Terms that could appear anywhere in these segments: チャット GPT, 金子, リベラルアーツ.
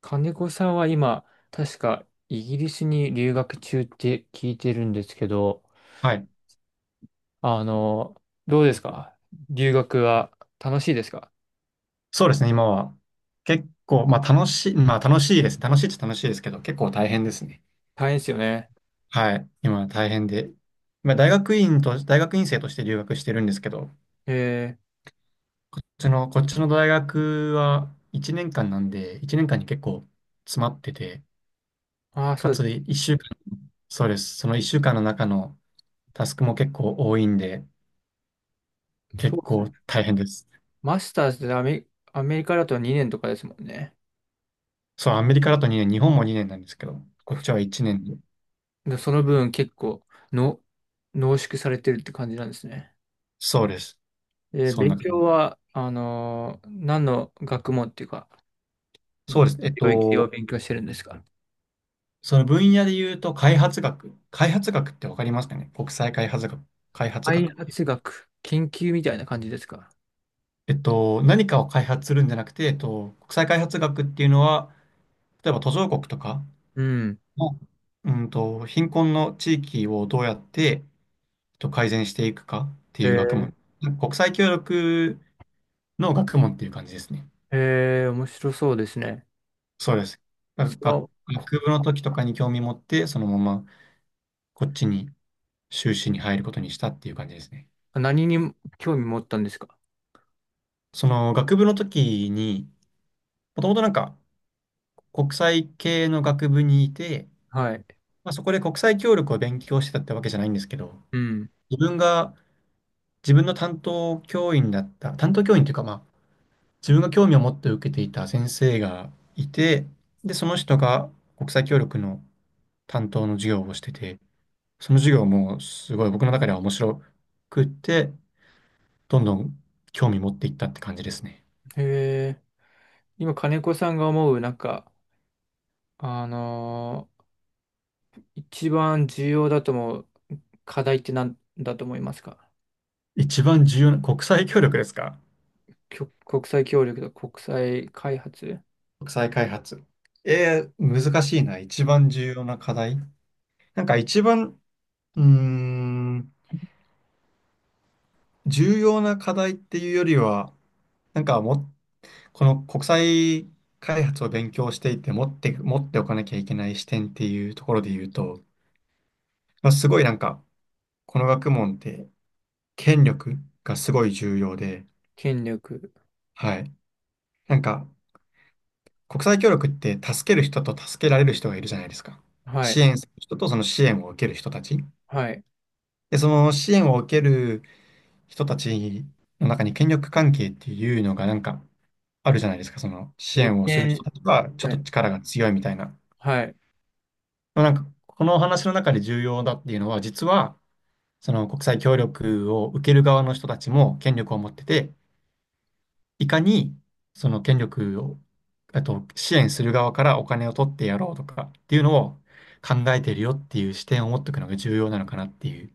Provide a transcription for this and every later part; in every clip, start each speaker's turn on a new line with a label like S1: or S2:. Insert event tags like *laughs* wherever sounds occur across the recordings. S1: 金子さんは今、確かイギリスに留学中って聞いてるんですけど、
S2: はい。
S1: あの、どうですか？留学は楽しいですか？
S2: そうですね、今は。結構、まあ楽しいです。楽しいっちゃ楽しいですけど、結構大変ですね。
S1: 大変ですよね。
S2: はい。今は大変で。まあ大学院生として留学してるんですけど、
S1: え
S2: こっちの大学は1年間なんで、1年間に結構詰まってて、
S1: ー、ああ、そ
S2: か
S1: うで
S2: つ1週間、そうです。その1週間の中のタスクも結構多いんで、
S1: す。そ
S2: 結
S1: うです
S2: 構
S1: ね。
S2: 大変です。
S1: マスターズでアメリカだと2年とかですもんね。
S2: そう、アメリカだと2年、日本も2年なんですけど、こっ
S1: こ
S2: ちは1年で。
S1: でその分結構の濃縮されてるって感じなんですね。
S2: そうです。
S1: えー、
S2: そん
S1: 勉
S2: な感
S1: 強
S2: じ。
S1: は、何の学問っていうか、
S2: そうです。
S1: 領域を勉強してるんですか？
S2: その分野で言うと、開発学。開発学ってわかりますかね、国際開発学。開発
S1: 開
S2: 学って。
S1: 発学、研究みたいな感じですか。
S2: 何かを開発するんじゃなくて、国際開発学っていうのは、例えば途上国とか
S1: うん。
S2: の、貧困の地域をどうやって、改善していくかって
S1: へ
S2: いう学
S1: え、
S2: 問。国際協力の学問っていう感じですね。
S1: へえ、面白そうですね。
S2: そうです。
S1: そ
S2: 学
S1: の、
S2: 学部の時とかに興味持って、そのままこっちに修士に入ることにしたっていう感じですね。
S1: 何に興味持ったんですか？
S2: その学部の時に、もともとなんか国際系の学部にいて、
S1: はい。
S2: まあ、そこで国際協力を勉強してたってわけじゃないんですけど、
S1: うん。
S2: 自分が自分の担当教員だった、担当教員というかまあ自分が興味を持って受けていた先生がいて、で、その人が国際協力の担当の授業をしてて、その授業もすごい僕の中では面白くって、どんどん興味持っていったって感じですね。
S1: へえ、今、金子さんが思う、あのー一番重要だと思う課題って何だと思いますか？
S2: 一番重要な、国際協力ですか？
S1: 国際協力と国際開発、
S2: 国際開発。えー、難しいな。一番重要な課題。なんか一番、うーん、重要な課題っていうよりは、なんかも、この国際開発を勉強していて持っておかなきゃいけない視点っていうところで言うと、まあ、すごいなんか、この学問って権力がすごい重要で。
S1: 権力。
S2: はい。なんか、国際協力って助ける人と助けられる人がいるじゃないですか。
S1: は
S2: 支
S1: い。
S2: 援する人とその支援を受ける人たち。
S1: はい。
S2: で、その支援を受ける人たちの中に権力関係っていうのがなんかあるじゃないですか。その支
S1: 利
S2: 援をする人
S1: 権。
S2: たちはちょっ
S1: は
S2: と
S1: い。
S2: 力が強いみたいな。
S1: はい。
S2: まあなんかこのお話の中で重要だっていうのは、実はその国際協力を受ける側の人たちも権力を持ってて、いかにその権力を、あと支援する側からお金を取ってやろうとかっていうのを考えてるよっていう視点を持っておくのが重要なのかなっていう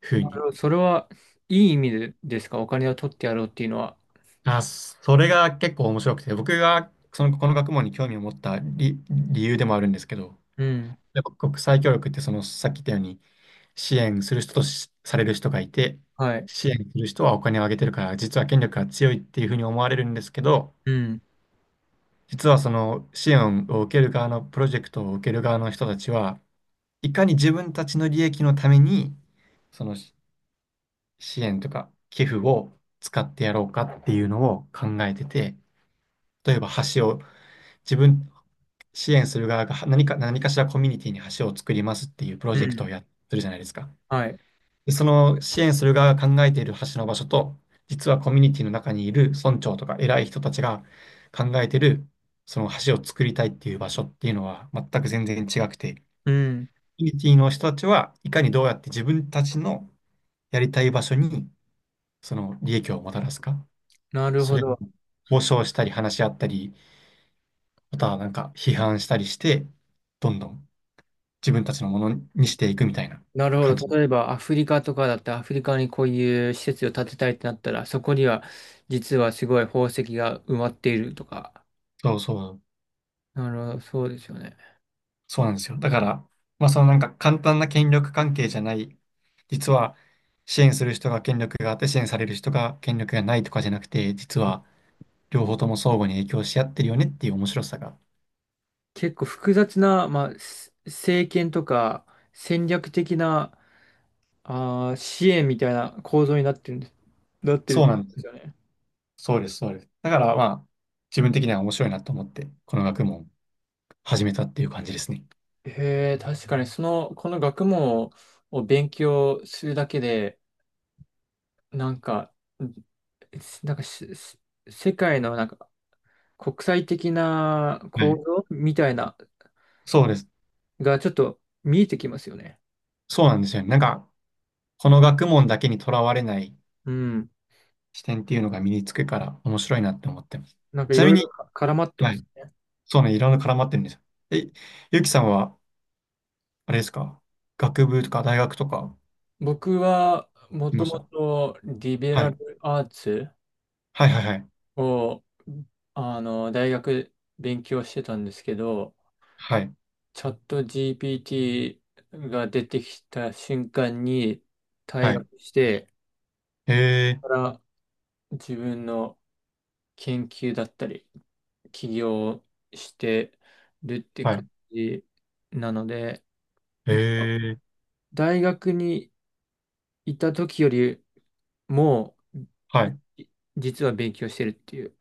S2: ふう
S1: なる
S2: に。
S1: ほど、それは、いい意味でですか？お金を取ってやろうっていうのは。
S2: あ、それが結構面白くて、僕がその、この学問に興味を持った理由でもあるんですけど、
S1: うん。
S2: やっぱ国際協力ってその、さっき言ったように、支援する人とされる人がいて、
S1: はい。
S2: 支援する人はお金をあげてるから、実は権力が強いっていうふうに思われるんですけど、
S1: うん。
S2: 実はその支援を受ける側のプロジェクトを受ける側の人たちは、いかに自分たちの利益のために、そのし支援とか寄付を使ってやろうかっていうのを考えてて、例えば橋を自分、支援する側が何かしらコミュニティに橋を作りますっていうプロ
S1: う
S2: ジェクト
S1: ん。
S2: をやってるじゃないですか。
S1: はい。
S2: で、その支援する側が考えている橋の場所と、実はコミュニティの中にいる村長とか偉い人たちが考えているその橋を作りたいっていう場所っていうのは全然違くて、コ
S1: うん。
S2: ミュニティの人たちはいかにどうやって自分たちのやりたい場所にその利益をもたらすか、
S1: なる
S2: そ
S1: ほ
S2: れを
S1: ど。
S2: 交渉したり話し合ったり、またはなんか批判したりして、どんどん自分たちのものにしていくみたいな
S1: なるほ
S2: 感
S1: ど。
S2: じ。
S1: 例えば、アフリカとかだって、アフリカにこういう施設を建てたいってなったら、そこには、実はすごい宝石が埋まっているとか。
S2: そうそう、
S1: なるほど。そうですよね。
S2: そうなんですよ。だから、まあそのなんか簡単な権力関係じゃない、実は支援する人が権力があって支援される人が権力がないとかじゃなくて、実は両方とも相互に影響し合ってるよねっていう面白さが。
S1: 結構複雑な、まあ、政権とか、戦略的な、あー、支援みたいな構造になってるんです、なってるっ
S2: そう
S1: て
S2: な
S1: こ
S2: んで
S1: とで
S2: すよ。
S1: すよね。
S2: そうです。だからまあ自分的には面白いなと思って、この学問を始めたっていう感じですね。
S1: へえ、確かに、その、この学問を勉強するだけで、なんか、んなんかし、し世界のなんか国際的な
S2: はい。
S1: 構造みたいな
S2: そうです。
S1: がちょっと見えてきますよね。
S2: そうなんですよね。なんか、この学問だけにとらわれない
S1: うん。
S2: 視点っていうのが身につくから面白いなって思ってます。
S1: なんか
S2: ち
S1: い
S2: な
S1: ろ
S2: み
S1: いろ
S2: に、
S1: か絡まって
S2: は
S1: ま
S2: い。
S1: すね。
S2: そうね、いろんな絡まってるんですよ。え、ゆきさんは、あれですか、学部とか大学とか行っ
S1: 僕はも
S2: て
S1: と
S2: まし
S1: も
S2: た？
S1: とリベ
S2: は
S1: ラ
S2: い。
S1: ルアーツ
S2: はいはいはい。
S1: を大学勉強してたんですけど、
S2: はい。
S1: チャット GPT が出てきた瞬間に退
S2: はい。
S1: 学して、
S2: へえ、
S1: から自分の研究だったり、起業してるって
S2: はい。
S1: 感じなので、
S2: へ
S1: 一応
S2: え、
S1: 大学にいた時よりも、
S2: はい。
S1: い実は勉強してるっていう、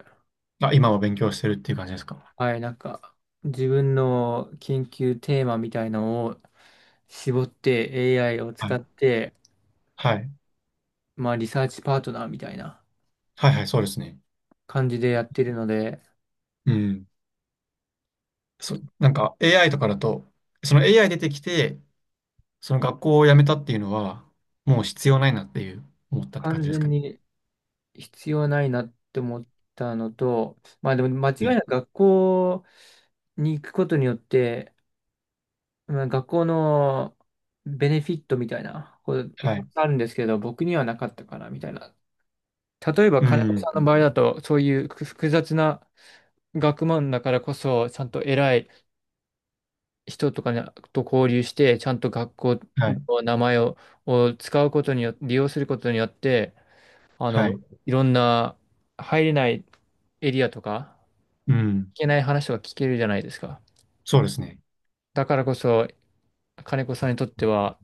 S2: あ、今は勉強してるっていう感じですか？
S1: はい、なんか、自分の研究テーマみたいのを絞って AI を
S2: は
S1: 使
S2: い。
S1: って、
S2: はい。
S1: まあ、リサーチパートナーみたいな
S2: はいはい、そうですね。
S1: 感じでやってるので、
S2: うん。そ、なんか AI とかだと、その AI 出てきて、その学校を辞めたっていうのは、もう必要ないなっていう思ったって感
S1: 完
S2: じです
S1: 全
S2: かね。
S1: に必要ないなって思ったのと、まあでも間違い
S2: うん。
S1: なく学校に行くことによって、まあ、学校のベネフィットみたいなこと
S2: は
S1: たく
S2: い。
S1: さんあるんですけど、僕にはなかったかなみたいな。例えば
S2: う
S1: 金子
S2: ん。
S1: さんの場合だと、そういう複雑な学問だからこそ、ちゃんと偉い人とかと交流して、ちゃんと学校
S2: はい。
S1: の名前を使うことによって、利用することによって、あ
S2: は
S1: の、
S2: い。
S1: いろんな入れないエリアとか、
S2: うん。
S1: けない話とか聞けるじゃないですか。
S2: そうですね。
S1: だからこそ、金子さんにとっては、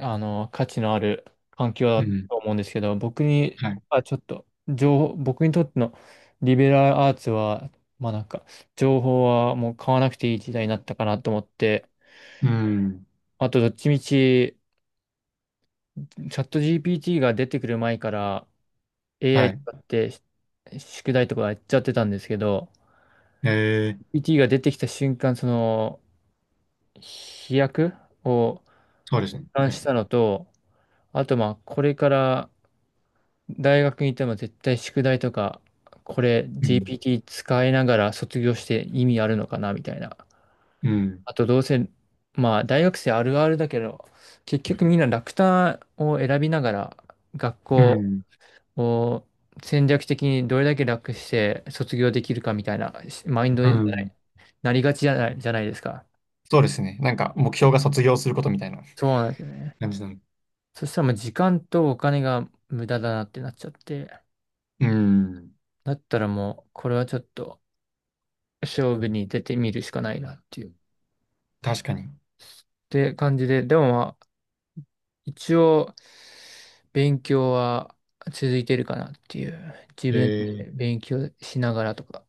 S1: あの、価値のある環境
S2: う
S1: だ
S2: ん。
S1: と思うんですけど、僕に
S2: はい。
S1: はちょっと、情報、僕にとってのリベラルアーツは、まあなんか、情報はもう買わなくていい時代になったかなと思って、
S2: うん。
S1: あとどっちみち、チャット GPT が出てくる前から
S2: は
S1: AI
S2: い。
S1: 使って宿題とかやっちゃってたんですけど、
S2: えー、
S1: GPT が出てきた瞬間、その、飛躍を、
S2: そうですね。
S1: 感
S2: は
S1: し
S2: い。
S1: たのと、あとまあ、これから大学に行っても絶対宿題とか、これ
S2: うん。
S1: GPT 使いながら卒業して意味あるのかなみたいな。
S2: うん。
S1: あとどうせ、まあ大学生あるあるだけど、結局みんな楽単を選びながら学
S2: う
S1: 校
S2: ん。
S1: を戦略的にどれだけ楽して卒業できるかみたいなマインド
S2: う
S1: に
S2: ん。
S1: なりがちじゃないですか。
S2: そうですね。なんか、目標が卒業することみたいな
S1: そうなんですよね。
S2: *laughs* 感じなの。
S1: そしたらもう時間とお金が無駄だなってなっちゃって。
S2: うん。
S1: だったらもう、これはちょっと勝負に出てみるしかないなっていう、
S2: 確かに。
S1: て感じで、でもまあ、一応、勉強は続いてるかなっていう、自分で
S2: え
S1: 勉強しながらとか。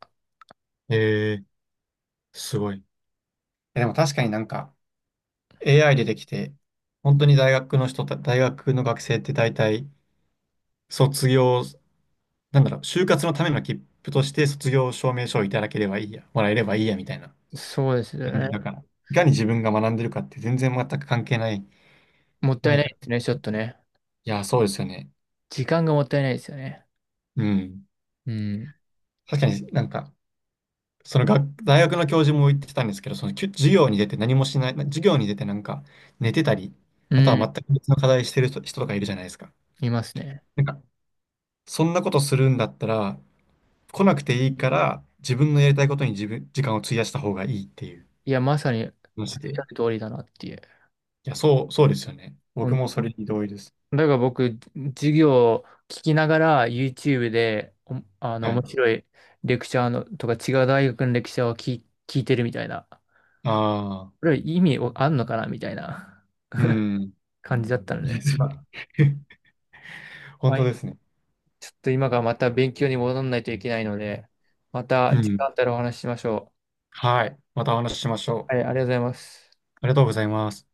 S2: ー、えー、すごい。え、でも確かになんか、AI 出てきて、本当に大学の大学の学生って大体、卒業、なんだろう、就活のための切符として卒業証明書をいただければいいや、もらえればいいや、みたいな。
S1: そうですよ
S2: だ
S1: ね。
S2: から、いかに自分が学んでるかって全く関係ない、
S1: もった
S2: な
S1: い
S2: い
S1: な
S2: か
S1: い
S2: ら。
S1: ですね、ちょっとね。
S2: いや、そうですよね。
S1: 時間がもったいないですよね。
S2: うん。
S1: うん。
S2: 確かになんか、その学、大学の教授も言ってたんですけど、その授業に出て何もしない、授業に出てなんか寝てたり、
S1: う
S2: あとは
S1: ん、
S2: 全く別の課題してる人とかいるじゃないですか。
S1: いますね。
S2: なんか、そんなことするんだったら、来なくていいから、自分のやりたいことに時間を費やした方がいいっていう
S1: いや、まさにおっ
S2: 話で。
S1: しゃる通りだなっていう。
S2: そうですよね。僕もそれに同意です。
S1: だから僕、授業を聞きながら YouTube で、あの、
S2: はい。
S1: 面白いレクチャーのとか違う大学のレクチャーを聞いてるみたいな。
S2: ああ、
S1: これ意味あんのかなみたいな
S2: うん。
S1: 感じだった
S2: *laughs*
S1: の
S2: いや、
S1: で、
S2: そ
S1: ま
S2: う
S1: あ
S2: *laughs* 本
S1: まあ
S2: 当ですね。
S1: ちょっと今からまた勉強に戻らないといけないので、ま
S2: う
S1: た時
S2: ん。
S1: 間あったらお話ししましょ
S2: はい。またお話ししましょ
S1: う。はい、あ
S2: う。
S1: りがとうございます。
S2: ありがとうございます。